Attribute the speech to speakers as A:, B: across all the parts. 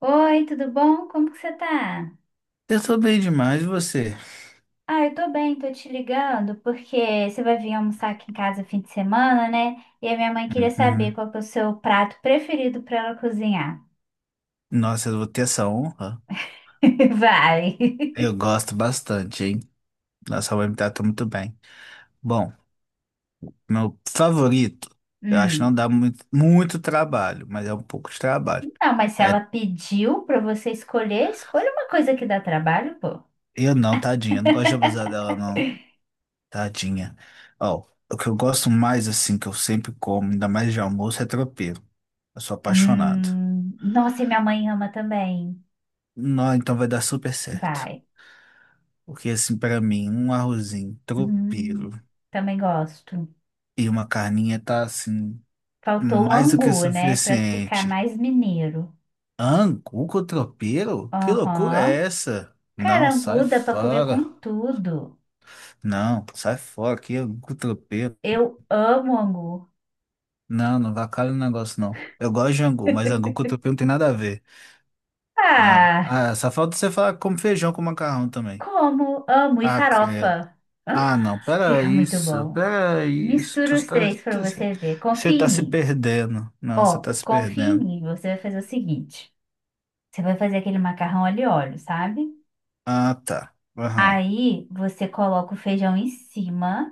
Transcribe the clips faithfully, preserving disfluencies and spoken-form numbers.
A: Oi, tudo bom? Como que você tá?
B: Eu tô bem demais, e você?
A: Ah, eu tô bem, tô te ligando porque você vai vir almoçar aqui em casa fim de semana, né? E a minha mãe queria saber
B: Uhum.
A: qual que é o seu prato preferido pra ela cozinhar.
B: Nossa, eu vou ter essa honra.
A: Vai.
B: Eu gosto bastante, hein? Nossa, vai me tratou muito bem. Bom, meu favorito, eu acho que não
A: Hum.
B: dá muito, muito trabalho, mas é um pouco de trabalho.
A: Não, mas se ela
B: É,
A: pediu pra você escolher, escolha uma coisa que dá trabalho, pô.
B: eu não, tadinha, eu não gosto de abusar dela, não. Tadinha. Ó, o que eu gosto mais, assim, que eu sempre como, ainda mais de almoço, é tropeiro. Eu sou apaixonado.
A: Hum. Nossa, e minha mãe ama também.
B: Não, então vai dar super certo.
A: Vai.
B: Porque, assim, pra mim, um arrozinho, tropeiro.
A: Hum. Também gosto. Gosto.
B: E uma carninha tá assim,
A: Faltou o
B: mais do que
A: angu, né? Pra ficar
B: suficiente.
A: mais mineiro.
B: Angu com tropeiro? Que loucura
A: Aham.
B: é essa?
A: Cara,
B: Não, sai
A: angu dá pra comer com
B: fora.
A: tudo.
B: Não, sai fora. Que angu com tropeiro?
A: Eu amo angu.
B: Não, não vacalha o negócio, não. Eu gosto de angu, mas angu com tropeiro não tem nada a ver. Não.
A: Ah,
B: Ah, só falta você falar que feijão com macarrão também.
A: como amo e
B: Ah, credo.
A: farofa. Ah,
B: Ah, não, pera
A: fica muito
B: isso,
A: bom.
B: pera isso.
A: Mistura
B: Tu
A: os
B: tá-
A: três
B: tu-
A: pra você ver.
B: Você
A: Confia em
B: tá se
A: mim.
B: perdendo. Não, você
A: Ó,
B: tá se
A: confia em
B: perdendo.
A: mim. Você vai fazer o seguinte: você vai fazer aquele macarrão ali óleo, sabe?
B: Ah, tá. Aham.
A: Aí você coloca o feijão em cima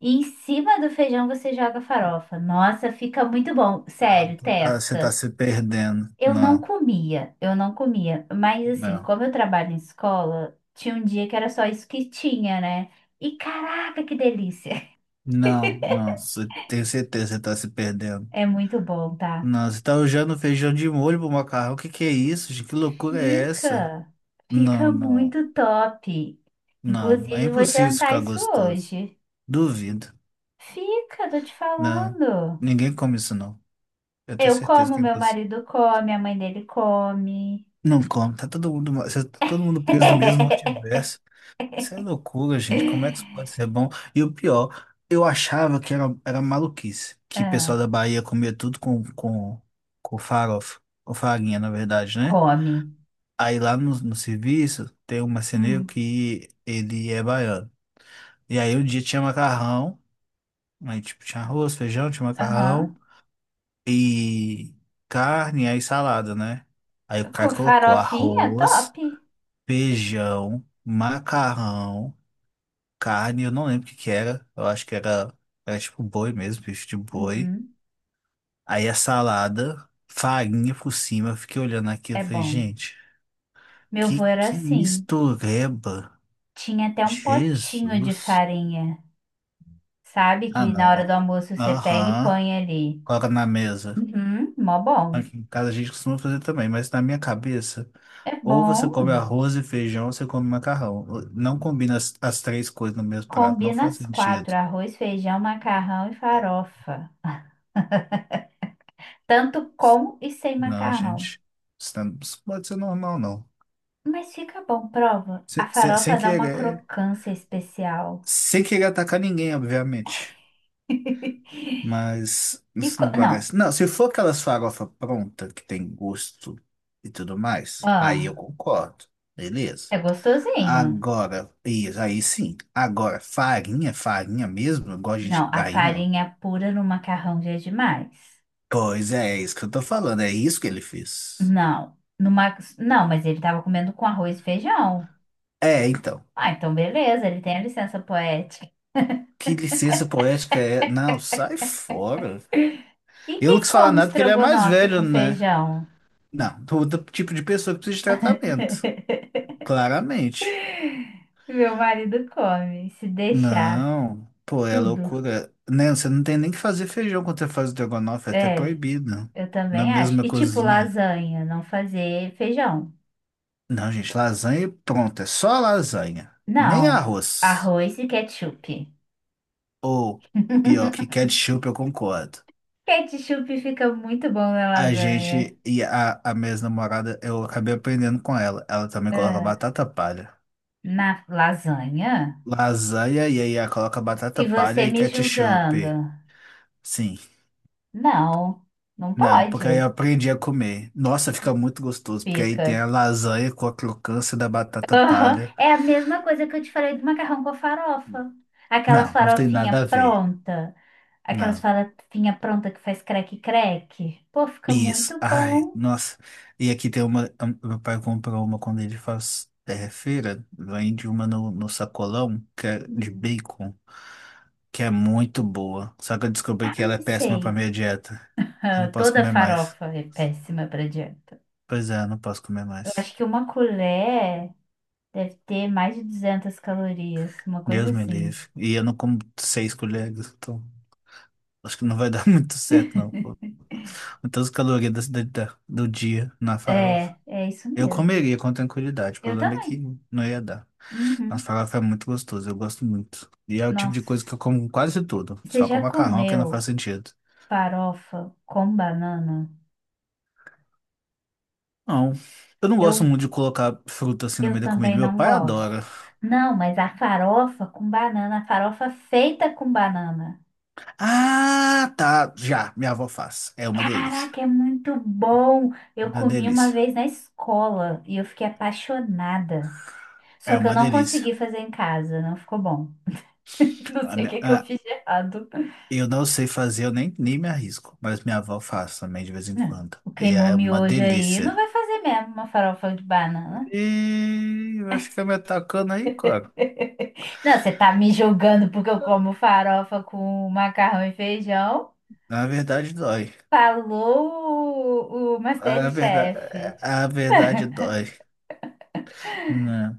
A: e em cima do feijão você joga a farofa. Nossa, fica muito bom.
B: Ah,
A: Sério,
B: tu tá- você tá
A: testa.
B: se perdendo.
A: Eu não
B: Não,
A: comia, eu não comia. Mas assim,
B: não.
A: como eu trabalho em escola, tinha um dia que era só isso que tinha, né? E caraca, que delícia!
B: Não, não. cê- Tenho certeza que você tá se perdendo.
A: É muito bom, tá?
B: Não, você tá usando feijão de molho pro macarrão. O que que é isso, gente? Que loucura é essa?
A: Fica,
B: Não,
A: fica
B: não.
A: muito top.
B: Não. É
A: Inclusive, eu vou
B: impossível isso
A: jantar
B: ficar
A: isso
B: gostoso.
A: hoje.
B: Duvido.
A: Fica, tô te
B: Não.
A: falando.
B: Ninguém come isso, não. Eu tenho
A: Eu
B: certeza
A: como,
B: que é
A: meu
B: impossível.
A: marido come, a mãe dele come.
B: Não come. Tá todo mundo, ma- cê- tá todo mundo preso no mesmo multiverso. Isso é loucura, gente. Como é que isso pode ser bom? E o pior, eu achava que era, era maluquice, que o
A: Ah,
B: pessoal da Bahia comia tudo com, com, com farofa, com farinha, na verdade, né?
A: come.
B: Aí lá no, no serviço tem um marceneiro
A: Hum,
B: que ele é baiano. E aí um dia tinha macarrão, aí tipo tinha arroz, feijão, tinha macarrão
A: aham.
B: e carne, aí salada, né? Aí o
A: Com
B: cara colocou
A: farofinha,
B: arroz,
A: top.
B: feijão, macarrão, carne, eu não lembro o que que era. Eu acho que era, era tipo boi mesmo, bicho de boi.
A: Uhum.
B: Aí a salada, farinha por cima. Eu fiquei olhando aqui e
A: É
B: falei,
A: bom.
B: gente,
A: Meu avô
B: que,
A: era
B: que
A: assim.
B: mistureba.
A: Tinha até um potinho de
B: Jesus.
A: farinha, sabe?
B: Ah,
A: Que na hora do
B: não.
A: almoço você pega e
B: Aham.
A: põe ali.
B: Coloca na mesa.
A: Uhum. Mó bom.
B: Aqui em casa a gente costuma fazer também, mas na minha cabeça,
A: É
B: ou você
A: bom.
B: come arroz e feijão, ou você come macarrão. Não combina as, as três coisas no mesmo prato, não
A: Combina
B: faz
A: as quatro:
B: sentido.
A: arroz, feijão, macarrão e farofa. Tanto com e sem
B: Não,
A: macarrão.
B: gente. Isso não- isso pode ser normal, não.
A: Mas fica bom, prova. A
B: Se- se- sem
A: farofa dá uma
B: querer,
A: crocância especial.
B: sem querer atacar ninguém, obviamente. Mas
A: E
B: isso
A: co-
B: não
A: Não.
B: parece. Não, se for aquelas farofa pronta que tem gosto e tudo mais, aí eu
A: Ah,
B: concordo. Beleza.
A: é gostosinho.
B: Agora, isso aí sim. Agora, farinha, farinha mesmo, igual a gente.
A: Não, a
B: Aí não.
A: farinha pura no macarrão já é demais.
B: Pois é, é isso que eu tô falando, é isso que ele fez.
A: Não, no Max, não, mas ele tava comendo com arroz e feijão.
B: É, então.
A: Ah, então beleza, ele tem a licença poética.
B: Que licença poética é? Não, sai fora.
A: E
B: Eu não
A: quem
B: quis falar
A: come
B: nada porque ele é mais
A: estrogonofe
B: velho,
A: com
B: né?
A: feijão?
B: Não, todo tipo de pessoa que precisa de tratamento. Claramente.
A: Meu marido come, se deixar,
B: Não, pô, é
A: tudo.
B: loucura. Né? Você não tem nem que fazer feijão quando você faz o estrogonofe, é até
A: É,
B: proibido.
A: eu
B: Na
A: também acho.
B: mesma
A: E tipo
B: cozinha.
A: lasanha, não fazer feijão.
B: Não, gente, lasanha e pronto, é só lasanha. Nem
A: Não,
B: arroz.
A: arroz e ketchup.
B: Ou, pior, que ketchup, eu concordo.
A: Ketchup fica muito bom na
B: A
A: lasanha.
B: gente e a, a minha ex-namorada, eu acabei aprendendo com ela. Ela também coloca
A: Ah,
B: batata palha.
A: na lasanha?
B: Lasanha e aí ela coloca batata
A: E
B: palha
A: você
B: e
A: me
B: ketchup.
A: julgando?
B: Sim.
A: Não, não
B: Não, porque aí
A: pode.
B: eu aprendi a comer. Nossa, fica muito gostoso, porque aí tem
A: Fica.
B: a lasanha com a crocância da batata
A: Aham.
B: palha.
A: É a mesma coisa que eu te falei do macarrão com farofa. Aquelas
B: Não, não tem
A: farofinha
B: nada a ver.
A: pronta, aquelas
B: Não.
A: farofinha pronta que faz creque-creque. Pô, fica
B: Isso.
A: muito
B: Ai,
A: bom.
B: nossa. E aqui tem uma. a- Meu pai comprou uma quando ele faz é, feira. Vende uma no, no sacolão, que é de
A: Hum.
B: bacon, que é muito boa. Só que eu descobri
A: Ah,
B: que ela é péssima pra
A: sei.
B: minha dieta. Eu não
A: Ah,
B: posso
A: toda
B: comer mais.
A: farofa é péssima para dieta.
B: Pois é, eu não posso comer
A: Eu
B: mais.
A: acho que uma colher deve ter mais de duzentas calorias, uma
B: Deus
A: coisa
B: me
A: assim.
B: livre. E eu não como seis colheres, então. Acho que não vai dar muito certo, não. Quantas calorias da, cidade da- do dia na farofa?
A: É, é isso
B: Eu
A: mesmo.
B: comeria com tranquilidade, o
A: Eu
B: problema é que
A: também.
B: não ia dar. Mas
A: Uhum.
B: farofa é muito gostoso, eu gosto muito. E é o tipo de coisa
A: Nossa,
B: que eu como quase tudo,
A: você
B: só com
A: já
B: macarrão que não faz
A: comeu
B: sentido.
A: farofa com banana?
B: Não, eu não gosto
A: Eu,
B: muito de colocar fruta assim no
A: eu
B: meio da comida,
A: também
B: meu
A: não
B: pai
A: gosto.
B: adora.
A: Não, mas a farofa com banana, a farofa feita com banana.
B: Ah, tá, já, minha avó faz, é uma delícia.
A: Caraca, é muito bom! Eu
B: Uma
A: comi uma
B: delícia,
A: vez na escola e eu fiquei apaixonada. Só
B: é
A: que eu
B: uma
A: não
B: delícia.
A: consegui fazer em casa, não ficou bom. Não
B: A
A: sei o
B: minha-
A: que que eu
B: ah,
A: fiz de errado.
B: eu não sei fazer, eu nem, nem me arrisco, mas minha avó faz também de vez em
A: Não,
B: quando.
A: o
B: E
A: queimou
B: é uma
A: miojo aí não
B: delícia.
A: vai fazer mesmo uma farofa de banana.
B: E vai ficar me atacando aí, cara.
A: Não, você tá me julgando porque eu como farofa com macarrão e feijão?
B: A verdade dói.
A: Falou o, o
B: A verdade,
A: Masterchef.
B: a verdade dói. Não.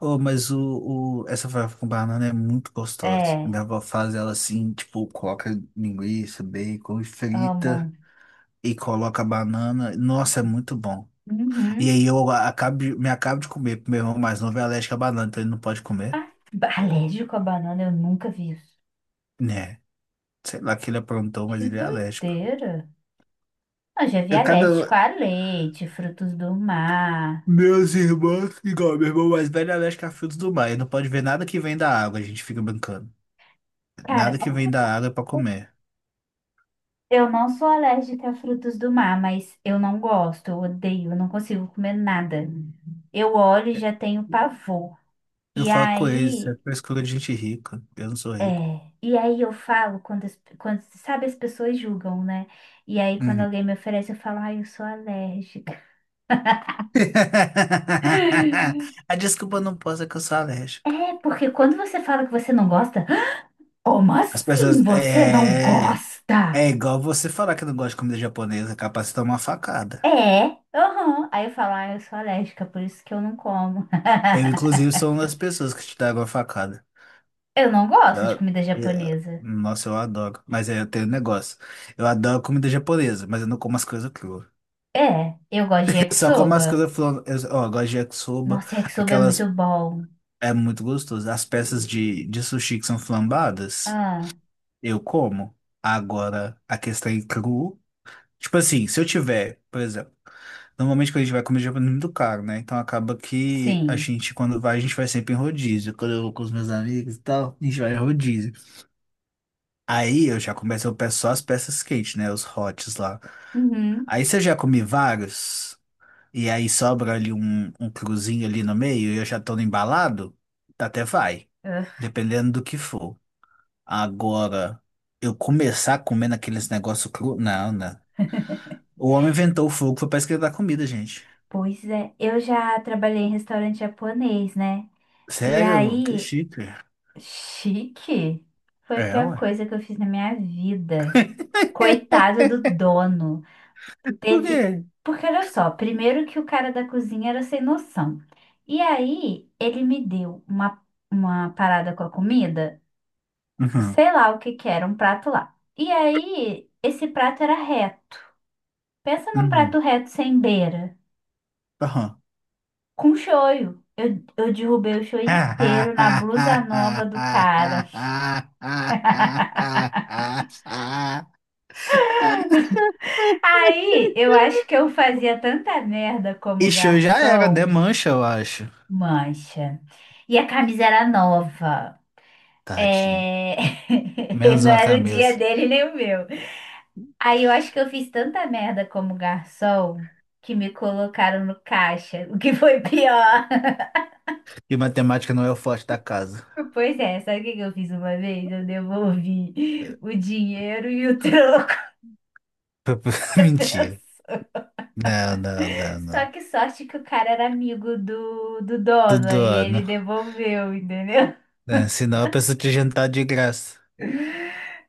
B: Oh, mas o, o, essa farofa com banana é muito gostosa.
A: É,
B: Minha avó faz ela assim, tipo, coloca linguiça, bacon, e
A: amo.
B: frita e coloca banana. Nossa, é muito bom. E
A: Uhum.
B: aí eu acabo, de- me acabo de comer, porque meu irmão mais novo é alérgico a banana, então ele não pode comer.
A: Ah, ba- alérgico à banana, eu nunca vi isso.
B: Né? Sei lá que ele aprontou, mas
A: Que
B: ele é alérgico.
A: doideira. Eu já vi
B: É Cada,
A: alérgico a leite, frutos do mar.
B: Meus irmãos, igual meu irmão mais velho é alérgico a frutos do mar. Ele não pode ver nada que vem da água, a gente fica brincando.
A: Cara,
B: Nada que vem da água é pra comer.
A: eu não sou alérgica a frutos do mar, mas eu não gosto, eu odeio, eu não consigo comer nada. Eu olho e já tenho pavor.
B: Eu
A: E
B: falo com ele, isso é
A: aí.
B: frescura de gente rica. Eu não sou rico.
A: É, e aí eu falo quando, as- quando, sabe, as pessoas julgam, né? E aí quando
B: Uhum.
A: alguém me oferece, eu falo, ai, eu sou alérgica.
B: A desculpa não posso é que eu sou alérgico.
A: É, porque quando você fala que você não gosta, como
B: As
A: assim
B: pessoas.
A: você não
B: É. É
A: gosta?
B: igual você falar que não gosta de comida japonesa, é capaz de tomar uma facada.
A: É, aham. Aí eu falo, ai, eu sou alérgica, por isso que eu não como.
B: Eu, inclusive, sou uma das pessoas que te dá uma facada.
A: Eu não gosto de
B: Ah,
A: comida
B: é,
A: japonesa.
B: nossa, eu adoro. Mas aí eu tenho um negócio. Eu adoro comida japonesa, mas eu não como as coisas cruas.
A: É, eu gosto de
B: Só como as
A: yakisoba.
B: coisas cruas. Eu, ó, eu gosto de yakisoba.
A: Nossa, yakisoba é muito
B: Aquelas.
A: bom.
B: É muito gostoso. As peças de, de sushi que são flambadas,
A: Ah,
B: eu como. Agora, a questão é cru. Tipo assim, se eu tiver, por exemplo. Normalmente quando a gente vai comer japonês é muito caro, né? Então acaba que a
A: sim.
B: gente, quando vai, a gente vai sempre em rodízio. Quando eu vou com os meus amigos e tal, a gente vai em rodízio. Aí eu já começo, a peço só as peças quentes, né? Os hots lá.
A: Uhum.
B: Aí se eu já comi vários, e aí sobra ali um, um cruzinho ali no meio, e eu já tô no embalado, até vai. Dependendo do que for. Agora, eu começar comendo aqueles negócios cru. Não, não. O homem inventou o fogo, foi pra esquentar a comida, gente.
A: Pois é, eu já trabalhei em restaurante japonês, né? E
B: Sério? Que
A: aí,
B: chique.
A: chique. Foi a
B: É,
A: pior
B: ué.
A: coisa que eu fiz na minha vida. Coitado do dono.
B: Por
A: Teve.
B: quê?
A: Porque olha só, primeiro que o cara da cozinha era sem noção. E aí, ele me deu uma, uma, parada com a comida,
B: Uhum.
A: sei lá o que que era, um prato lá. E aí, esse prato era reto. Pensa num prato
B: Uhum.
A: reto sem beira.
B: Aham.
A: Com shoyu. Eu, eu derrubei o shoyu inteiro na blusa nova do cara. Aí, eu acho que eu fazia tanta merda como
B: E já era, né?
A: garçom,
B: Mancha, eu acho.
A: mancha. E a camisa era nova.
B: Tadinho.
A: É...
B: Menos
A: Não
B: uma
A: era o dia
B: camisa.
A: dele nem o meu. Aí eu acho que eu fiz tanta merda como garçom que me colocaram no caixa, o que foi pior.
B: E matemática não é o forte da casa.
A: Pois é, sabe o que que eu fiz uma vez? Eu devolvi o dinheiro e o troco.
B: Mentira. Não, não, não,
A: Só
B: não.
A: que sorte que o cara era amigo do, do dono,
B: Tudo
A: aí ele
B: ano.
A: devolveu, entendeu?
B: Né? Senão a pessoa te jantar de graça.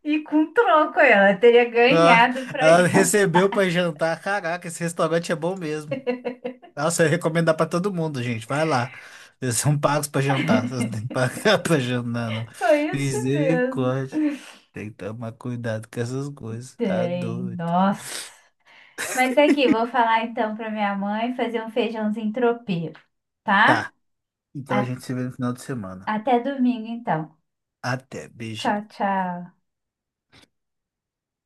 A: E com troco ela teria
B: Ah,
A: ganhado pra
B: ela
A: já.
B: recebeu pra jantar. Caraca, esse restaurante é bom mesmo. Nossa, eu recomendar pra todo mundo, gente. Vai lá. Vocês são pagos pra jantar. Vocês não têm que pagar pra jantar, não.
A: Foi isso mesmo.
B: Misericórdia. Tem que tomar cuidado com essas coisas. Tá
A: Tem,
B: doido.
A: nossa. Mas aqui, vou falar então pra minha mãe fazer um feijãozinho tropeiro, tá?
B: Tá. Então a
A: A-
B: gente se vê no final de semana.
A: Até domingo então.
B: Até. Beijinho.
A: Tchau, tchau.